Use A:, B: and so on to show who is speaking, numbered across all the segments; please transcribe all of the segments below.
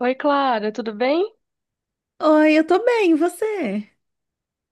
A: Oi, Clara, tudo bem?
B: Oi, eu tô bem, e você?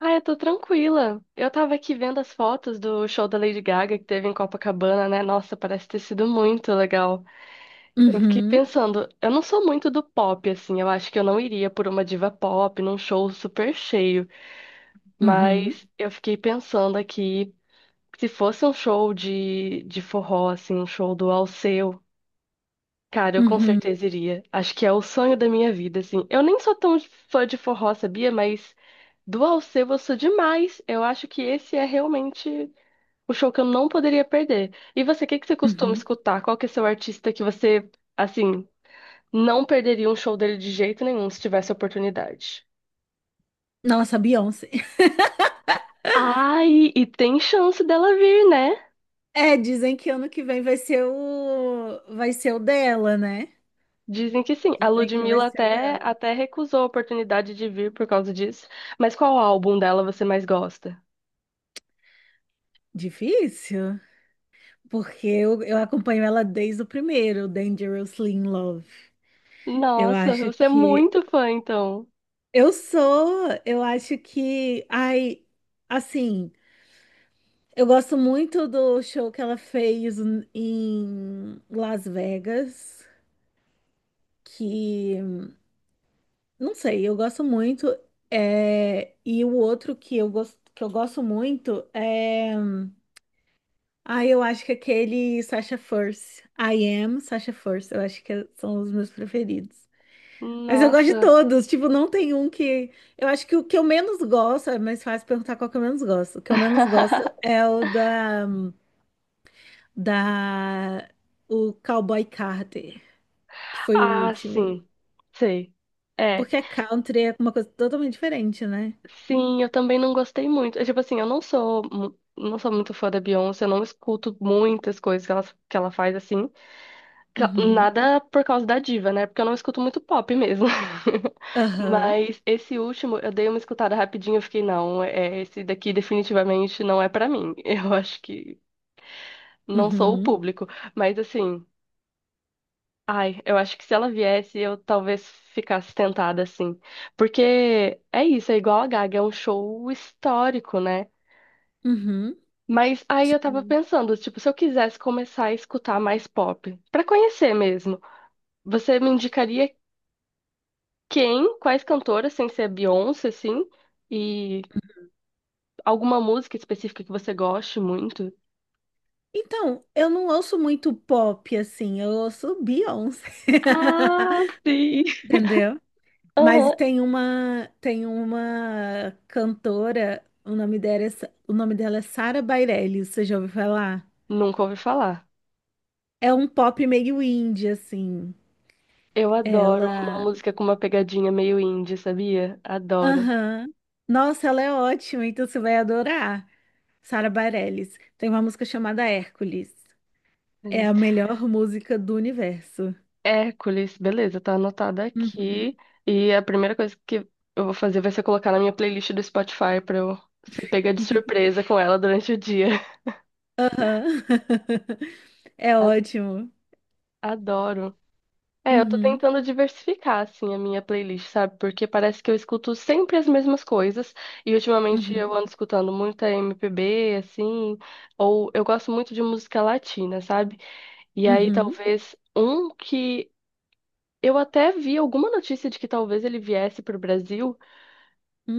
A: Ah, eu tô tranquila. Eu tava aqui vendo as fotos do show da Lady Gaga que teve em Copacabana, né? Nossa, parece ter sido muito legal. Eu fiquei
B: Uhum,
A: pensando, eu não sou muito do pop, assim, eu acho que eu não iria por uma diva pop num show super cheio,
B: uhum,
A: mas eu fiquei pensando aqui, se fosse um show de forró, assim, um show do Alceu. Cara, eu com
B: uhum,
A: certeza iria. Acho que é o sonho da minha vida, assim. Eu nem sou tão fã de forró, sabia? Mas do Alceu eu sou demais. Eu acho que esse é realmente o show que eu não poderia perder. E você, o que que você costuma
B: uhum.
A: escutar? Qual que é seu artista que você, assim, não perderia um show dele de jeito nenhum se tivesse oportunidade?
B: Nossa, Beyoncé.
A: Ai, e tem chance dela vir, né?
B: É, dizem que ano que vem vai ser o dela, né?
A: Dizem que sim. A
B: Dizem que vai
A: Ludmilla
B: ser o
A: até,
B: dela.
A: até recusou a oportunidade de vir por causa disso. Mas qual álbum dela você mais gosta?
B: Difícil, porque eu acompanho ela desde o primeiro, Dangerously in Love. Eu
A: Nossa,
B: acho
A: você é
B: que
A: muito fã, então.
B: eu sou, eu acho que assim, eu gosto muito do show que ela fez em Las Vegas, que não sei, eu gosto muito. É, e o outro que eu gosto muito é, eu acho que é aquele Sasha Fierce, I Am Sasha Fierce, eu acho que é, são os meus preferidos. Mas eu gosto de
A: Nossa.
B: todos, tipo, não tem um que... Eu acho que o que eu menos gosto, é mais fácil perguntar qual que eu menos gosto. O que eu menos gosto é o da da o Cowboy Carter, que foi o
A: Ah,
B: último.
A: sim. Sei. É.
B: Porque country é uma coisa totalmente diferente, né?
A: Sim, eu também não gostei muito. É, tipo assim, eu não sou, não sou muito fã da Beyoncé, eu não escuto muitas coisas que ela faz assim.
B: Uhum.
A: Nada por causa da diva, né? Porque eu não escuto muito pop mesmo.
B: Aham.
A: Mas esse último, eu dei uma escutada rapidinho, eu fiquei, não, é, esse daqui definitivamente não é pra mim. Eu acho que não sou o
B: Uhum.
A: público. Mas assim. Ai, eu acho que se ela viesse, eu talvez ficasse tentada, assim. Porque é isso, é igual a Gaga, é um show histórico, né?
B: Uhum.
A: Mas aí eu tava
B: Sim.
A: pensando, tipo, se eu quisesse começar a escutar mais pop, pra conhecer mesmo, você me indicaria quem, quais cantoras, sem ser a Beyoncé, assim, e alguma música específica que você goste muito?
B: Então, eu não ouço muito pop assim, eu ouço Beyoncé.
A: Ah, sim.
B: Entendeu? Mas
A: Aham,
B: tem uma cantora, o nome dela é, o nome dela é Sara Bareilles, você já ouviu falar?
A: nunca ouvi falar.
B: É um pop meio indie assim.
A: Eu adoro uma
B: Ela,
A: música com uma pegadinha meio indie, sabia? Adoro.
B: aham. Nossa, ela é ótima, então você vai adorar. Sara Bareilles. Tem uma música chamada Hércules. É a melhor música do universo.
A: Hércules, beleza, tá anotada
B: Uhum.
A: aqui. E a primeira coisa que eu vou fazer vai ser colocar na minha playlist do Spotify pra eu ser pega de surpresa com ela durante o dia.
B: Aham. É
A: A-
B: ótimo.
A: Adoro. É, eu tô
B: Uhum,
A: tentando diversificar, assim, a minha playlist, sabe? Porque parece que eu escuto sempre as mesmas coisas. E ultimamente eu
B: uhum,
A: ando escutando muita MPB, assim. Ou eu gosto muito de música latina, sabe? E aí
B: uhum,
A: talvez um que. Eu até vi alguma notícia de que talvez ele viesse pro Brasil,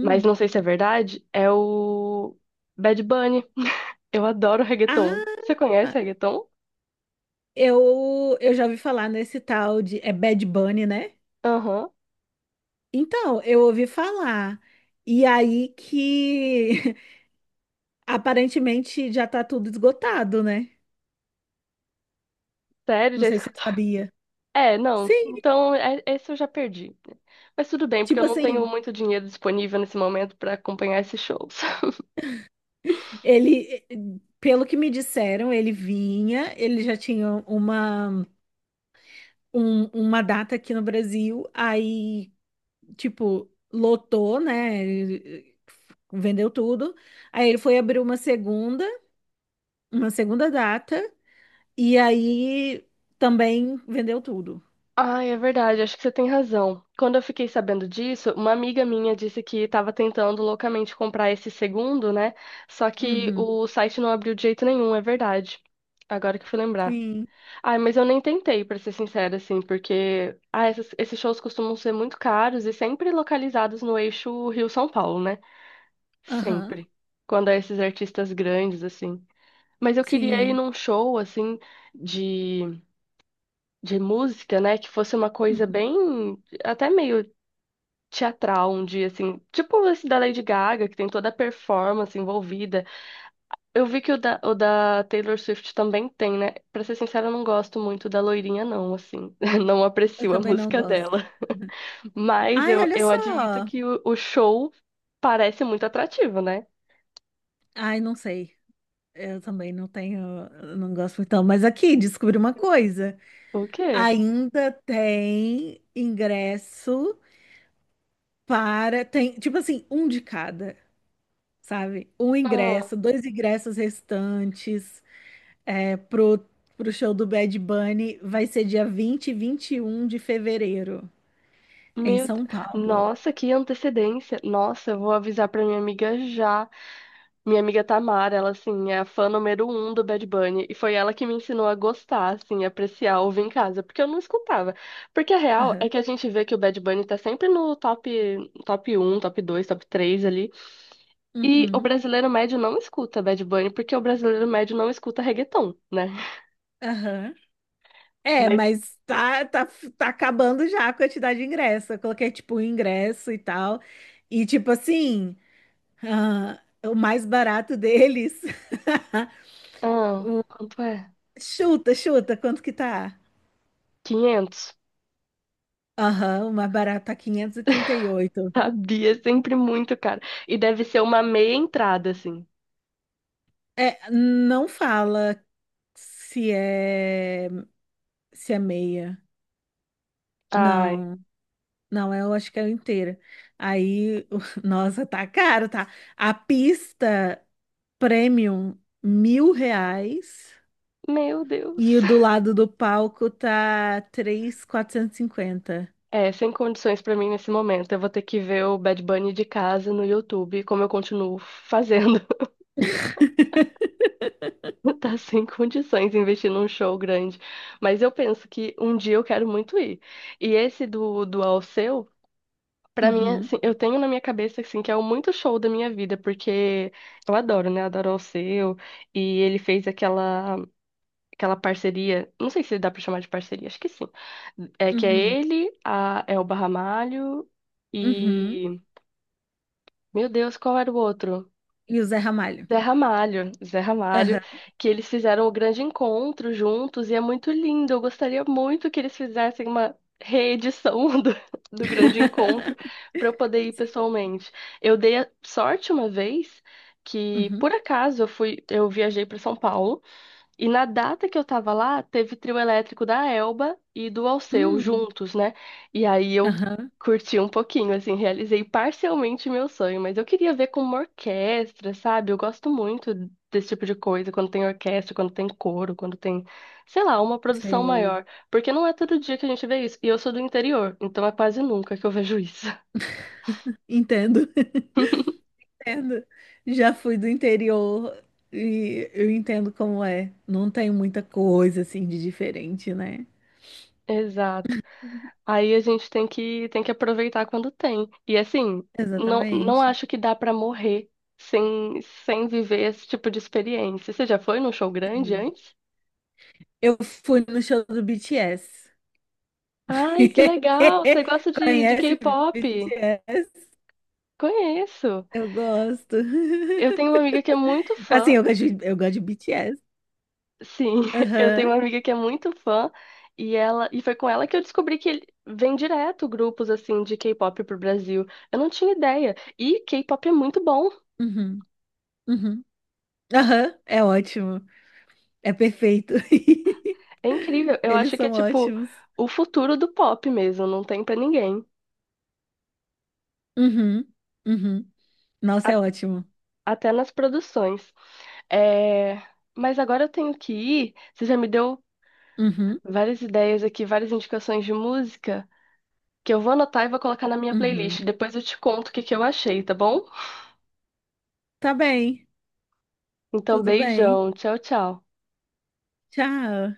A: mas não sei se é verdade, é o Bad Bunny. Eu adoro reggaeton. Você
B: Ah,
A: conhece reggaeton?
B: eu já ouvi falar nesse tal de. É Bad Bunny, né?
A: Aham.
B: Então, eu ouvi falar. E aí que aparentemente já tá tudo esgotado, né?
A: Sério,
B: Não
A: já
B: sei se você
A: escutou?
B: sabia.
A: É, não.
B: Sim,
A: Então, esse eu já perdi. Mas tudo bem, porque eu
B: tipo
A: não tenho
B: assim,
A: muito dinheiro disponível nesse momento pra acompanhar esses shows.
B: ele, pelo que me disseram, ele vinha, ele já tinha uma, uma data aqui no Brasil, aí tipo, lotou, né? Vendeu tudo. Aí ele foi abrir uma segunda, data, e aí também vendeu tudo.
A: Ai, é verdade, acho que você tem razão. Quando eu fiquei sabendo disso, uma amiga minha disse que estava tentando loucamente comprar esse segundo, né? Só que
B: Uhum.
A: o site não abriu de jeito nenhum, é verdade. Agora que eu fui lembrar.
B: Sim.
A: Ai, mas eu nem tentei, pra ser sincera, assim, porque ah, esses shows costumam ser muito caros e sempre localizados no eixo Rio-São Paulo, né?
B: Aham.
A: Sempre. Quando é esses artistas grandes, assim. Mas eu queria ir
B: Sim.
A: num show, assim, de, de música, né? Que fosse uma
B: Uhum.
A: coisa bem, até meio teatral um dia, assim. Tipo esse da Lady Gaga, que tem toda a performance envolvida. Eu vi que o da Taylor Swift também tem, né? Pra ser sincera, eu não gosto muito da loirinha, não, assim. Não
B: Eu
A: aprecio a
B: também não
A: música
B: gosto.
A: dela. Mas
B: Ai,
A: eu,
B: olha
A: eu admito
B: só.
A: que o show parece muito atrativo, né?
B: Ai, não sei. Eu também não tenho, eu não gosto então. Mas aqui, descobri uma coisa.
A: O quê?
B: Ainda tem ingresso para, tem, tipo assim, um de cada, sabe? Um
A: Ah,
B: ingresso, dois ingressos restantes, é, pro show do Bad Bunny, vai ser dia 20 e 21 de fevereiro, em
A: meu... Deus.
B: São Paulo.
A: Nossa, que antecedência. Nossa, eu vou avisar pra minha amiga já. Minha amiga Tamara, ela, assim, é a fã número um do Bad Bunny. E foi ela que me ensinou a gostar, assim, apreciar, ouvir em casa. Porque eu não escutava. Porque a real
B: Aham.
A: é que a gente vê que o Bad Bunny tá sempre no top, top um, top dois, top 3 ali. E o
B: Uhum.
A: brasileiro médio não escuta Bad Bunny, porque o brasileiro médio não escuta reggaeton, né?
B: Aham. É,
A: Mas,
B: mas tá acabando já a quantidade de ingresso. Eu coloquei, tipo, um ingresso e tal. E, tipo assim, ah, o mais barato deles.
A: ah, quanto é?
B: Chuta, quanto que tá?
A: 500.
B: Aham, o mais barato tá quinhentos e trinta e oito.
A: Sabia, sempre muito caro. E deve ser uma meia entrada, assim.
B: É, não fala se é se é meia.
A: Ai,
B: Não, não, é, eu acho que é inteira. Aí, nossa, tá caro, tá? A pista premium, R$ 1.000.
A: meu
B: E
A: Deus.
B: o do lado do palco tá 3.450.
A: É, sem condições pra mim nesse momento. Eu vou ter que ver o Bad Bunny de casa no YouTube, como eu continuo fazendo. Tá sem condições investir num show grande. Mas eu penso que um dia eu quero muito ir. E esse do Alceu, pra mim,
B: Uhum,
A: assim, eu tenho na minha cabeça, assim, que é o muito show da minha vida, porque eu adoro, né? Adoro o Alceu. E ele fez aquela parceria, não sei se dá pra chamar de parceria, acho que sim. É que é
B: uhum,
A: ele, a Elba Ramalho
B: uhum.
A: e... Meu Deus, qual era o outro?
B: E o Zé Ramalho.
A: Zé Ramalho,
B: Aham.
A: que eles fizeram o grande encontro juntos e é muito lindo. Eu gostaria muito que eles fizessem uma reedição do, do grande encontro para eu poder ir pessoalmente. Eu dei a sorte uma vez que,
B: Uhum.
A: por acaso, eu fui, eu viajei para São Paulo. E na data que eu tava lá, teve trio elétrico da Elba e do Alceu
B: Hum,
A: juntos, né? E aí eu
B: aham.
A: curti um pouquinho, assim, realizei parcialmente meu sonho, mas eu queria ver com uma orquestra, sabe? Eu gosto muito desse tipo de coisa, quando tem orquestra, quando tem coro, quando tem, sei lá, uma produção
B: Sei.
A: maior, porque não é todo dia que a gente vê isso. E eu sou do interior, então é quase nunca que eu vejo isso.
B: Entendo, entendo. Já fui do interior e eu entendo como é. Não tem muita coisa assim de diferente, né?
A: Exato. Aí a gente tem que aproveitar quando tem. E assim, não, não
B: Exatamente.
A: acho que dá pra morrer sem, sem viver esse tipo de experiência. Você já foi num show grande
B: Sim.
A: antes?
B: Eu fui no show do BTS.
A: Ai, que legal! Você gosta de
B: Conhece
A: K-pop?
B: BTS?
A: Conheço.
B: Eu gosto.
A: Eu tenho uma amiga que é muito
B: Assim,
A: fã.
B: eu gosto de BTS.
A: Sim, eu tenho
B: Aham.
A: uma amiga que é muito fã. E ela, e foi com ela que eu descobri que ele vem direto grupos assim de K-pop pro Brasil. Eu não tinha ideia. E K-pop é muito bom.
B: Uhum. Uhum. Aham. É ótimo. É perfeito.
A: É incrível. Eu
B: Eles
A: acho que é
B: são
A: tipo
B: ótimos.
A: o futuro do pop mesmo, não tem pra ninguém.
B: Uhum. Uhum. Nossa,
A: A-
B: é ótimo.
A: Até nas produções. É, mas agora eu tenho que ir. Você já me deu
B: Uhum.
A: várias ideias aqui, várias indicações de música que eu vou anotar e vou colocar na minha playlist.
B: Uhum.
A: Depois eu te conto o que que eu achei, tá bom?
B: Tá bem,
A: Então,
B: tudo bem.
A: beijão. Tchau, tchau.
B: Tchau.